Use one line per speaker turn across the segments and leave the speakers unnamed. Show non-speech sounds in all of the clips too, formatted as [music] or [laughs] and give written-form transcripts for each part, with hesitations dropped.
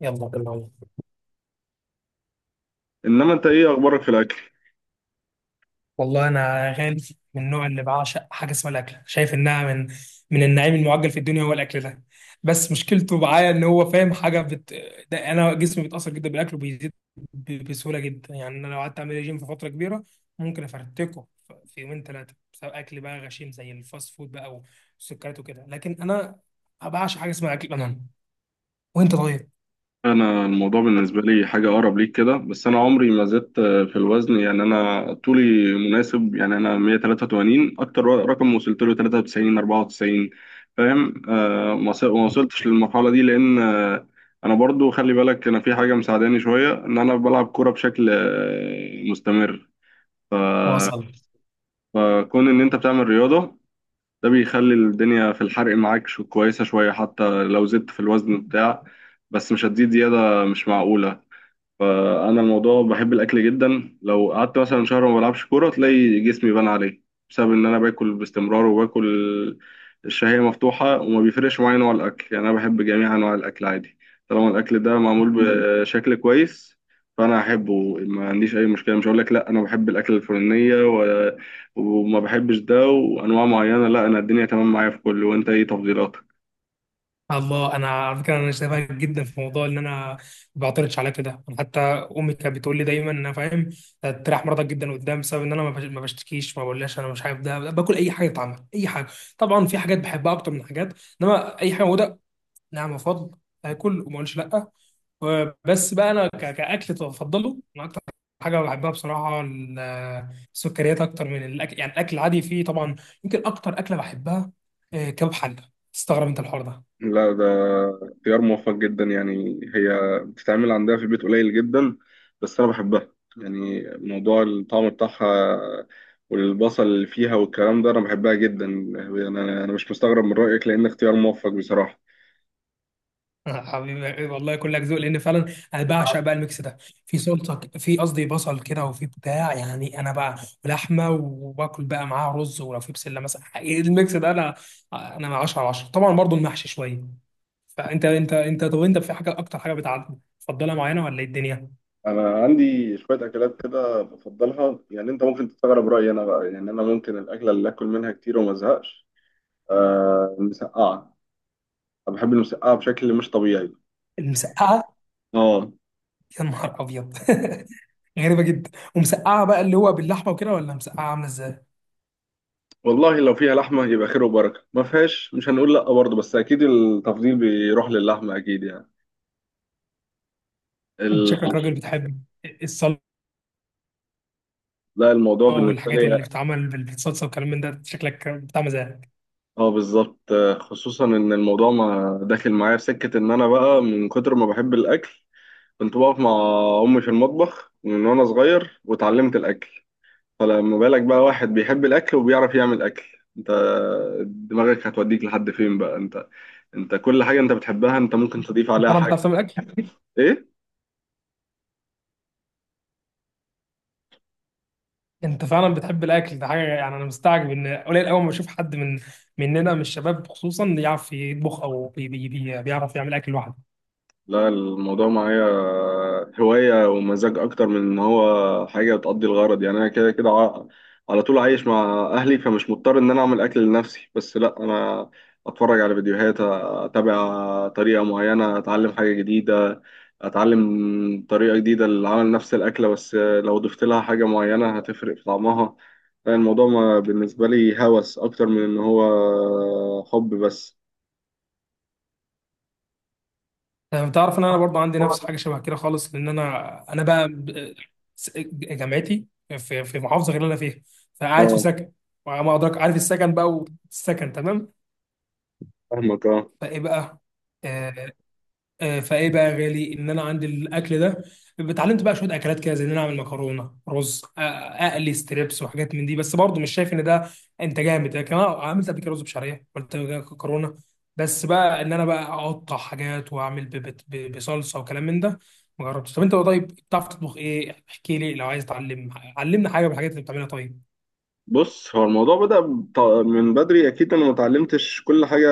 يلا بالله.
انما انت ايه اخبارك في الاكل؟
والله انا يا غالي من النوع اللي بعشق حاجه اسمها الاكل، شايف انها من النعيم المعجل في الدنيا هو الاكل ده. بس مشكلته معايا ان هو فاهم حاجه ده انا جسمي بيتاثر جدا بالاكل وبيزيد بسهوله جدا. يعني انا لو قعدت اعمل ريجيم في فتره كبيره ممكن افرتكه في يومين ثلاثه بسبب اكل بقى غشيم زي الفاست فود بقى والسكريات وكده. لكن انا بعشق حاجه اسمها اكل بنان. وانت طيب؟
انا الموضوع بالنسبه لي حاجه اقرب ليك كده، بس انا عمري ما زدت في الوزن. يعني انا طولي مناسب، يعني انا 183. اكتر رقم وصلت له 93، 94. فاهم؟ ما وصلتش للمرحله دي لان انا برضو، خلي بالك، انا في حاجه مساعداني شويه ان انا بلعب كوره بشكل مستمر. ف-
وصل.
فكون ان انت بتعمل رياضه، ده بيخلي الدنيا في الحرق معاك شو كويسة شوية. حتى لو زدت في الوزن بتاع، بس مش هتزيد زيادة مش معقولة. فانا الموضوع بحب الاكل جدا. لو قعدت مثلا شهر ما بلعبش كوره تلاقي جسمي بان عليه، بسبب ان انا باكل باستمرار وباكل. الشهيه مفتوحه، وما بيفرقش معايا نوع الاكل. يعني انا بحب جميع انواع الاكل عادي، طالما الاكل ده معمول بشكل كويس فانا احبه. ما عنديش اي مشكله، مش هقول لك لا انا بحب الاكل الفلانيه وما بحبش ده وانواع معينه. لا، انا الدنيا تمام معايا في كله. وانت ايه تفضيلاتك؟
الله، انا على فكره انا شايفها جدا في موضوع ان انا ما بعترضش على كده. انا حتى امي كانت بتقول لي دايما ان انا فاهم تريح مرضك جدا قدام، بسبب ان انا ما بشتكيش ما بقولهاش انا مش عارف. ده باكل اي حاجه تتعمل اي حاجه. طبعا في حاجات بحبها اكتر من حاجات، انما اي حاجه موجوده، نعم، وفضل اكل وما اقولش لا. بس بقى انا كاكل بفضله. انا اكتر حاجه بحبها بصراحه السكريات اكتر من الاكل. يعني الاكل العادي فيه طبعا يمكن اكتر اكله بحبها كباب حله. تستغرب انت الحوار ده؟
لا، ده اختيار موفق جدا. يعني هي بتتعمل عندها في البيت قليل جدا، بس انا بحبها. يعني موضوع الطعم بتاعها والبصل اللي فيها والكلام ده انا بحبها جدا. انا مش مستغرب من رأيك، لان اختيار موفق بصراحة.
[laughs] حبيبي والله كلك ذوق، لان فعلا انا بعشق بقى الميكس ده. في سلطه، في قصدي بصل كده، وفي بتاع، يعني انا بقى ولحمه، وباكل بقى معاها رز، ولو في بسله مثلا. [laughs] حقيقي الميكس ده، انا 10 على 10. طبعا برضو المحشي شويه. فانت انت طب انت في حاجه، اكتر حاجه بتعجبك تفضلها معينه، ولا ايه الدنيا؟
انا عندي شوية اكلات كده بفضلها. يعني انت ممكن تستغرب رأيي انا بقى، يعني انا ممكن الاكلة اللي اكل منها كتير وما ازهقش، آه، المسقعة. انا بحب المسقعة بشكل مش طبيعي.
المسقعه؟
اه،
[laughs] يا نهار ابيض. [laughs] غريبه جدا. ومسقعه بقى اللي هو باللحمه وكده، ولا مسقعه عامله ازاي؟
والله لو فيها لحمة يبقى خير وبركة، ما فيهاش مش هنقول لأ برضه، بس أكيد التفضيل بيروح للحمة أكيد. يعني
انت شكلك
ال...
راجل بتحب الصلصه
لا، الموضوع بالنسبة
والحاجات
لي
اللي بتتعمل بالصلصه والكلام من ده، شكلك بتاع مزاج.
اه، بالظبط. خصوصا إن الموضوع ما داخل معايا في سكة، إن أنا بقى من كتر ما بحب الأكل كنت بقف مع أمي في المطبخ من وأنا صغير واتعلمت الأكل. فلما بالك بقى واحد بيحب الأكل وبيعرف يعمل أكل، أنت دماغك هتوديك لحد فين بقى. أنت أنت كل حاجة أنت بتحبها أنت ممكن تضيف عليها
انا بتعرف
حاجة.
تعمل اكل؟
إيه؟
انت فعلا بتحب الاكل ده حاجه. يعني انا مستعجب ان قليل قوي ما بشوف حد مننا من الشباب خصوصا يعرف يطبخ او بي بي بي بيعرف يعمل اكل لوحده.
لا، الموضوع معايا هواية ومزاج أكتر من إن هو حاجة بتقضي الغرض. يعني أنا كده كده على طول عايش مع أهلي، فمش مضطر إن أنا أعمل أكل لنفسي. بس لأ، أنا أتفرج على فيديوهات، أتابع طريقة معينة، أتعلم حاجة جديدة، أتعلم طريقة جديدة لعمل نفس الأكلة. بس لو ضفت لها حاجة معينة هتفرق في طعمها. الموضوع بالنسبة لي هوس أكتر من إن هو حب بس.
انا بتعرف ان انا برضه عندي نفس حاجه شبه كده خالص، لان انا بقى جامعتي في محافظه غير اللي انا فيها، فقاعد في
أه.
سكن. وما ادراك، عارف السكن بقى، والسكن تمام.
فاهمك، أه.
فايه بقى، آه، فايه بقى يا غالي، ان انا عندي الاكل ده. اتعلمت بقى شويه اكلات كده زي ان انا اعمل مكرونه رز، اقلي ستريبس وحاجات من دي. بس برضه مش شايف ان ده انت جامد. لكن انا عملت قبل كده رز بشعريه، عملت قبل كده مكرونه. بس بقى ان انا بقى اقطع حاجات واعمل بصلصه وكلام من ده ما جربتش. طب انت بقى، طيب، بتعرف تطبخ ايه؟ احكي لي، لو عايز تعلم علمنا حاجه من الحاجات اللي بتعملها طيب.
بص، هو الموضوع بدأ من بدري. أكيد أنا ما اتعلمتش كل حاجة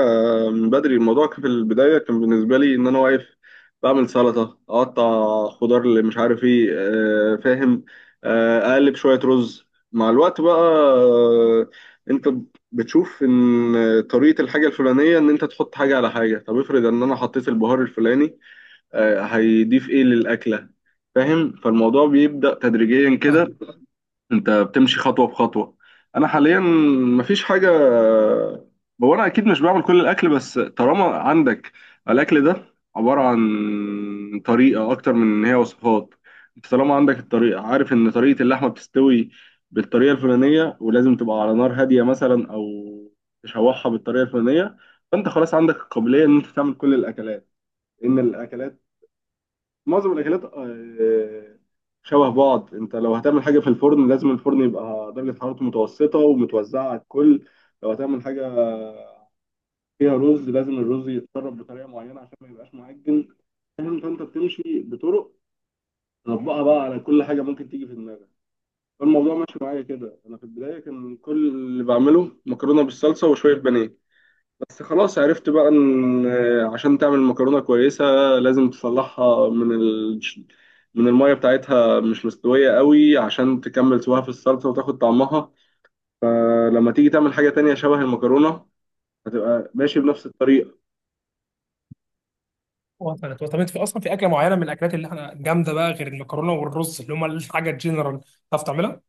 من بدري. الموضوع كان في البداية كان بالنسبة لي إن أنا واقف بعمل سلطة، أقطع خضار، اللي مش عارف إيه، فاهم؟ أقلب شوية رز. مع الوقت بقى، أنت بتشوف إن طريقة الحاجة الفلانية إن أنت تحط حاجة على حاجة. طب افرض إن أنا حطيت البهار الفلاني، هيضيف إيه للأكلة؟ فاهم؟ فالموضوع بيبدأ تدريجيا
آه.
كده. انت بتمشي خطوه بخطوه. انا حاليا مفيش حاجه، هو انا اكيد مش بعمل كل الاكل، بس طالما عندك الاكل ده عباره عن طريقه اكتر من ان هي وصفات، انت طالما عندك الطريقه، عارف ان طريقه اللحمه بتستوي بالطريقه الفلانيه ولازم تبقى على نار هاديه مثلا، او تشوحها بالطريقه الفلانيه، فانت خلاص عندك القابليه ان انت تعمل كل الاكلات. ان الاكلات، معظم الاكلات شبه بعض. انت لو هتعمل حاجه في الفرن لازم الفرن يبقى درجه حرارته متوسطه ومتوزعه على الكل. لو هتعمل حاجه فيها رز لازم الرز يتسرب بطريقه معينه عشان ما يبقاش معجن. فاهم؟ فانت بتمشي بطرق تطبقها بقى على كل حاجه ممكن تيجي في دماغك. فالموضوع ماشي معايا كده. انا في البدايه كان كل اللي بعمله مكرونه بالصلصه وشويه بانيه، بس خلاص عرفت بقى ان عشان تعمل مكرونه كويسه لازم تصلحها من من الميه بتاعتها مش مستويه قوي، عشان تكمل سواها في الصلصه وتاخد طعمها. فلما تيجي تعمل حاجه تانية شبه المكرونه هتبقى ماشي بنفس الطريقه.
وصلت وصلت. طب انت في اصلا في اكله معينه من الاكلات اللي احنا جامده بقى، غير المكرونه والرز اللي هم الحاجه الجنرال، تعرف تعملها؟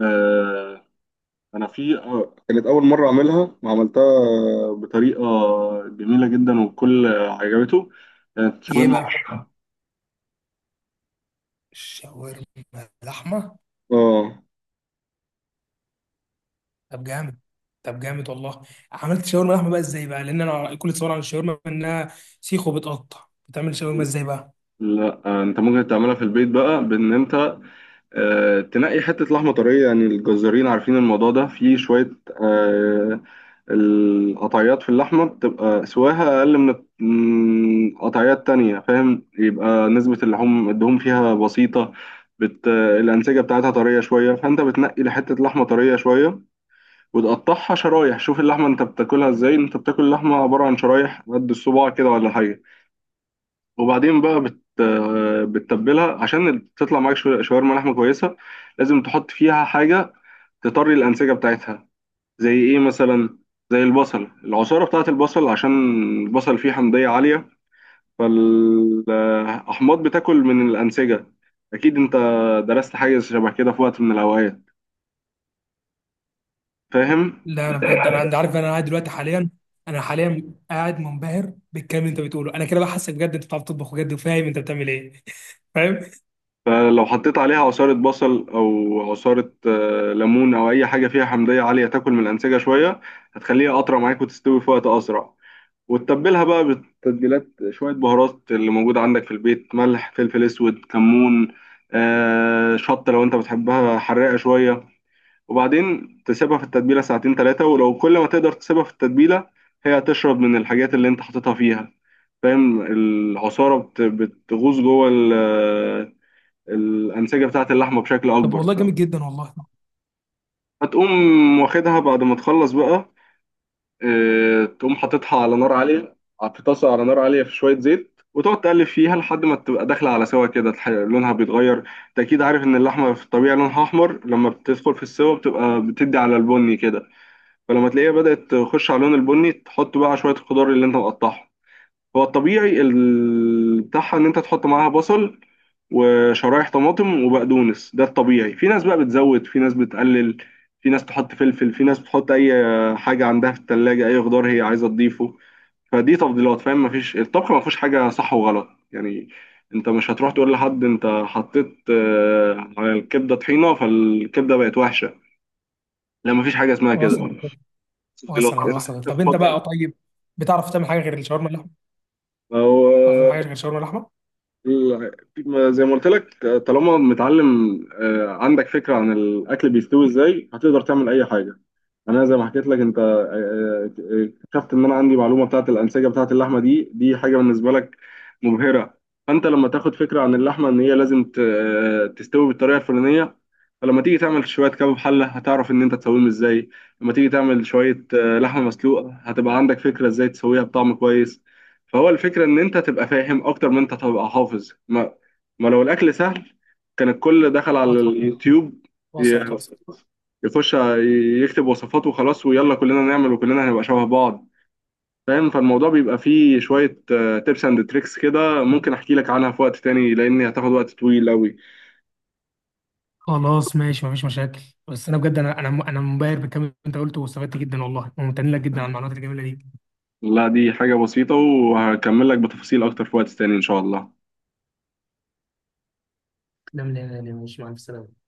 آه، انا في، كانت اول مره اعملها وعملتها بطريقه جميله جدا، والكل عجبته. كانت
ايه
شاورما.
بقى؟ شاورما لحمه؟
اه.
طب جامد. طب جامد والله. عملت شاورما لحمه بقى ازاي بقى؟ لان انا كل تصور عن الشاورما انها سيخ وبتقطع، بتعمل شاورما ازاي بقى؟
لا، انت ممكن تعملها في البيت بقى بان انت تنقي حتة لحمة طرية. يعني الجزارين عارفين الموضوع ده، في شوية، آه، القطعيات في اللحمة بتبقى سواها أقل من من قطعيات تانية، فاهم؟ يبقى نسبة اللحوم الدهون فيها بسيطة، الأنسجة بتاعتها طرية شوية. فأنت بتنقي لحتة لحمة طرية شوية وتقطعها شرايح. شوف اللحمة أنت بتاكلها إزاي. أنت بتاكل اللحمة عبارة عن شرايح قد الصباع كده ولا حاجة. وبعدين بقى بتتبلها عشان تطلع معاك شاورما لحمة كويسة. لازم تحط فيها حاجة تطري الأنسجة بتاعتها. زي إيه مثلا؟ زي البصل، العصارة بتاعت البصل، عشان البصل فيه حمضية عالية، فالأحماض بتاكل من الأنسجة. أكيد أنت درست حاجة شبه كده في وقت من الأوقات، فاهم؟
لا انا بجد، انا انت عارف انا قاعد دلوقتي حاليا. انا حاليا قاعد منبهر بالكلام اللي انت بتقوله. انا كده بقى حاسك بجد، انت بتعرف تطبخ بجد وفاهم انت بتعمل ايه. [laughs] فاهم.
فلو حطيت عليها عصارة بصل أو عصارة ليمون أو أي حاجة فيها حمضية عالية تاكل من الأنسجة شوية، هتخليها أطرى معاك وتستوي في وقت أسرع. وتتبلها بقى بالتتبيلات، شوية بهارات اللي موجودة عندك في البيت، ملح، فلفل أسود، كمون، آه، شطة لو أنت بتحبها حراقة شوية. وبعدين تسيبها في التتبيلة ساعتين تلاتة، ولو كل ما تقدر تسيبها في التتبيلة هي هتشرب من الحاجات اللي أنت حاططها فيها، فاهم؟ العصارة بتغوص جوه الأنسجة بتاعة اللحمة بشكل
طب
أكبر.
والله جامد جدا والله.
هتقوم واخدها بعد ما تخلص بقى، تقوم حاططها على نار عالية في طاسة، على نار عالية في شوية زيت، وتقعد تقلب فيها لحد ما تبقى داخلة على سوا كده، لونها بيتغير. انت اكيد عارف ان اللحمة في الطبيعي لونها احمر، لما بتدخل في السوا بتبقى بتدي على البني كده. فلما تلاقيها بدأت تخش على لون البني، تحط بقى شوية الخضار اللي انت مقطعها. هو الطبيعي بتاعها ان انت تحط معاها بصل وشرايح طماطم وبقدونس. ده الطبيعي. في ناس بقى بتزود، في ناس بتقلل، في ناس تحط فلفل، في ناس بتحط اي حاجه عندها في التلاجة، اي خضار هي عايزه تضيفه. فدي تفضيلات، فاهم؟ مفيش الطبخ ما فيهوش حاجه صح وغلط، يعني انت مش هتروح تقول لحد انت حطيت على الكبده طحينه فالكبده بقت وحشه. لا، مفيش حاجه اسمها كده،
وصلت
تفضيلات.
وصلت
انت
وصلت. طب انت
بتفضل
بقى طيب، بتعرف تعمل حاجه غير الشاورما اللحمه؟
أو
بتعرف تعمل حاجه غير الشاورما اللحمه؟
ال- زي ما قلت لك، طالما متعلم، عندك فكرة عن الأكل بيستوي إزاي، هتقدر تعمل أي حاجة. أنا زي ما حكيت لك أنت، اكتشفت إن أنا عندي معلومة بتاعة الأنسجة بتاعة اللحمة. دي حاجة بالنسبة لك مبهرة. فأنت لما تاخد فكرة عن اللحمة إن هي لازم تستوي بالطريقة الفلانية، فلما تيجي تعمل شوية كباب حلة هتعرف إن أنت تسويهم إزاي. لما تيجي تعمل شوية لحمة مسلوقة هتبقى عندك فكرة إزاي تسويها بطعم كويس. فهو الفكرة إن أنت تبقى فاهم أكتر من أنت تبقى حافظ. ما لو الأكل سهل كان الكل دخل على
وصلت
اليوتيوب،
وصلت
ي-
وصلت.
يخش يكتب وصفات وخلاص، ويلا كلنا نعمل وكلنا هنبقى شبه بعض، فاهم؟ فالموضوع بيبقى فيه شوية تيبس اند تريكس كده، ممكن أحكي لك عنها في وقت تاني لأن هتاخد وقت طويل أوي.
خلاص ماشي، مفيش مشاكل. بس انا بجد، انا انا منبهر بالكلام اللي انت قلته، واستفدت جدا والله، وممتن لك جدا على المعلومات الجميله دي.
لا، دي حاجة بسيطة، وهكمل لك بتفاصيل أكتر في وقت تاني إن شاء الله.
لا لا لا لا، مش مع السلامة.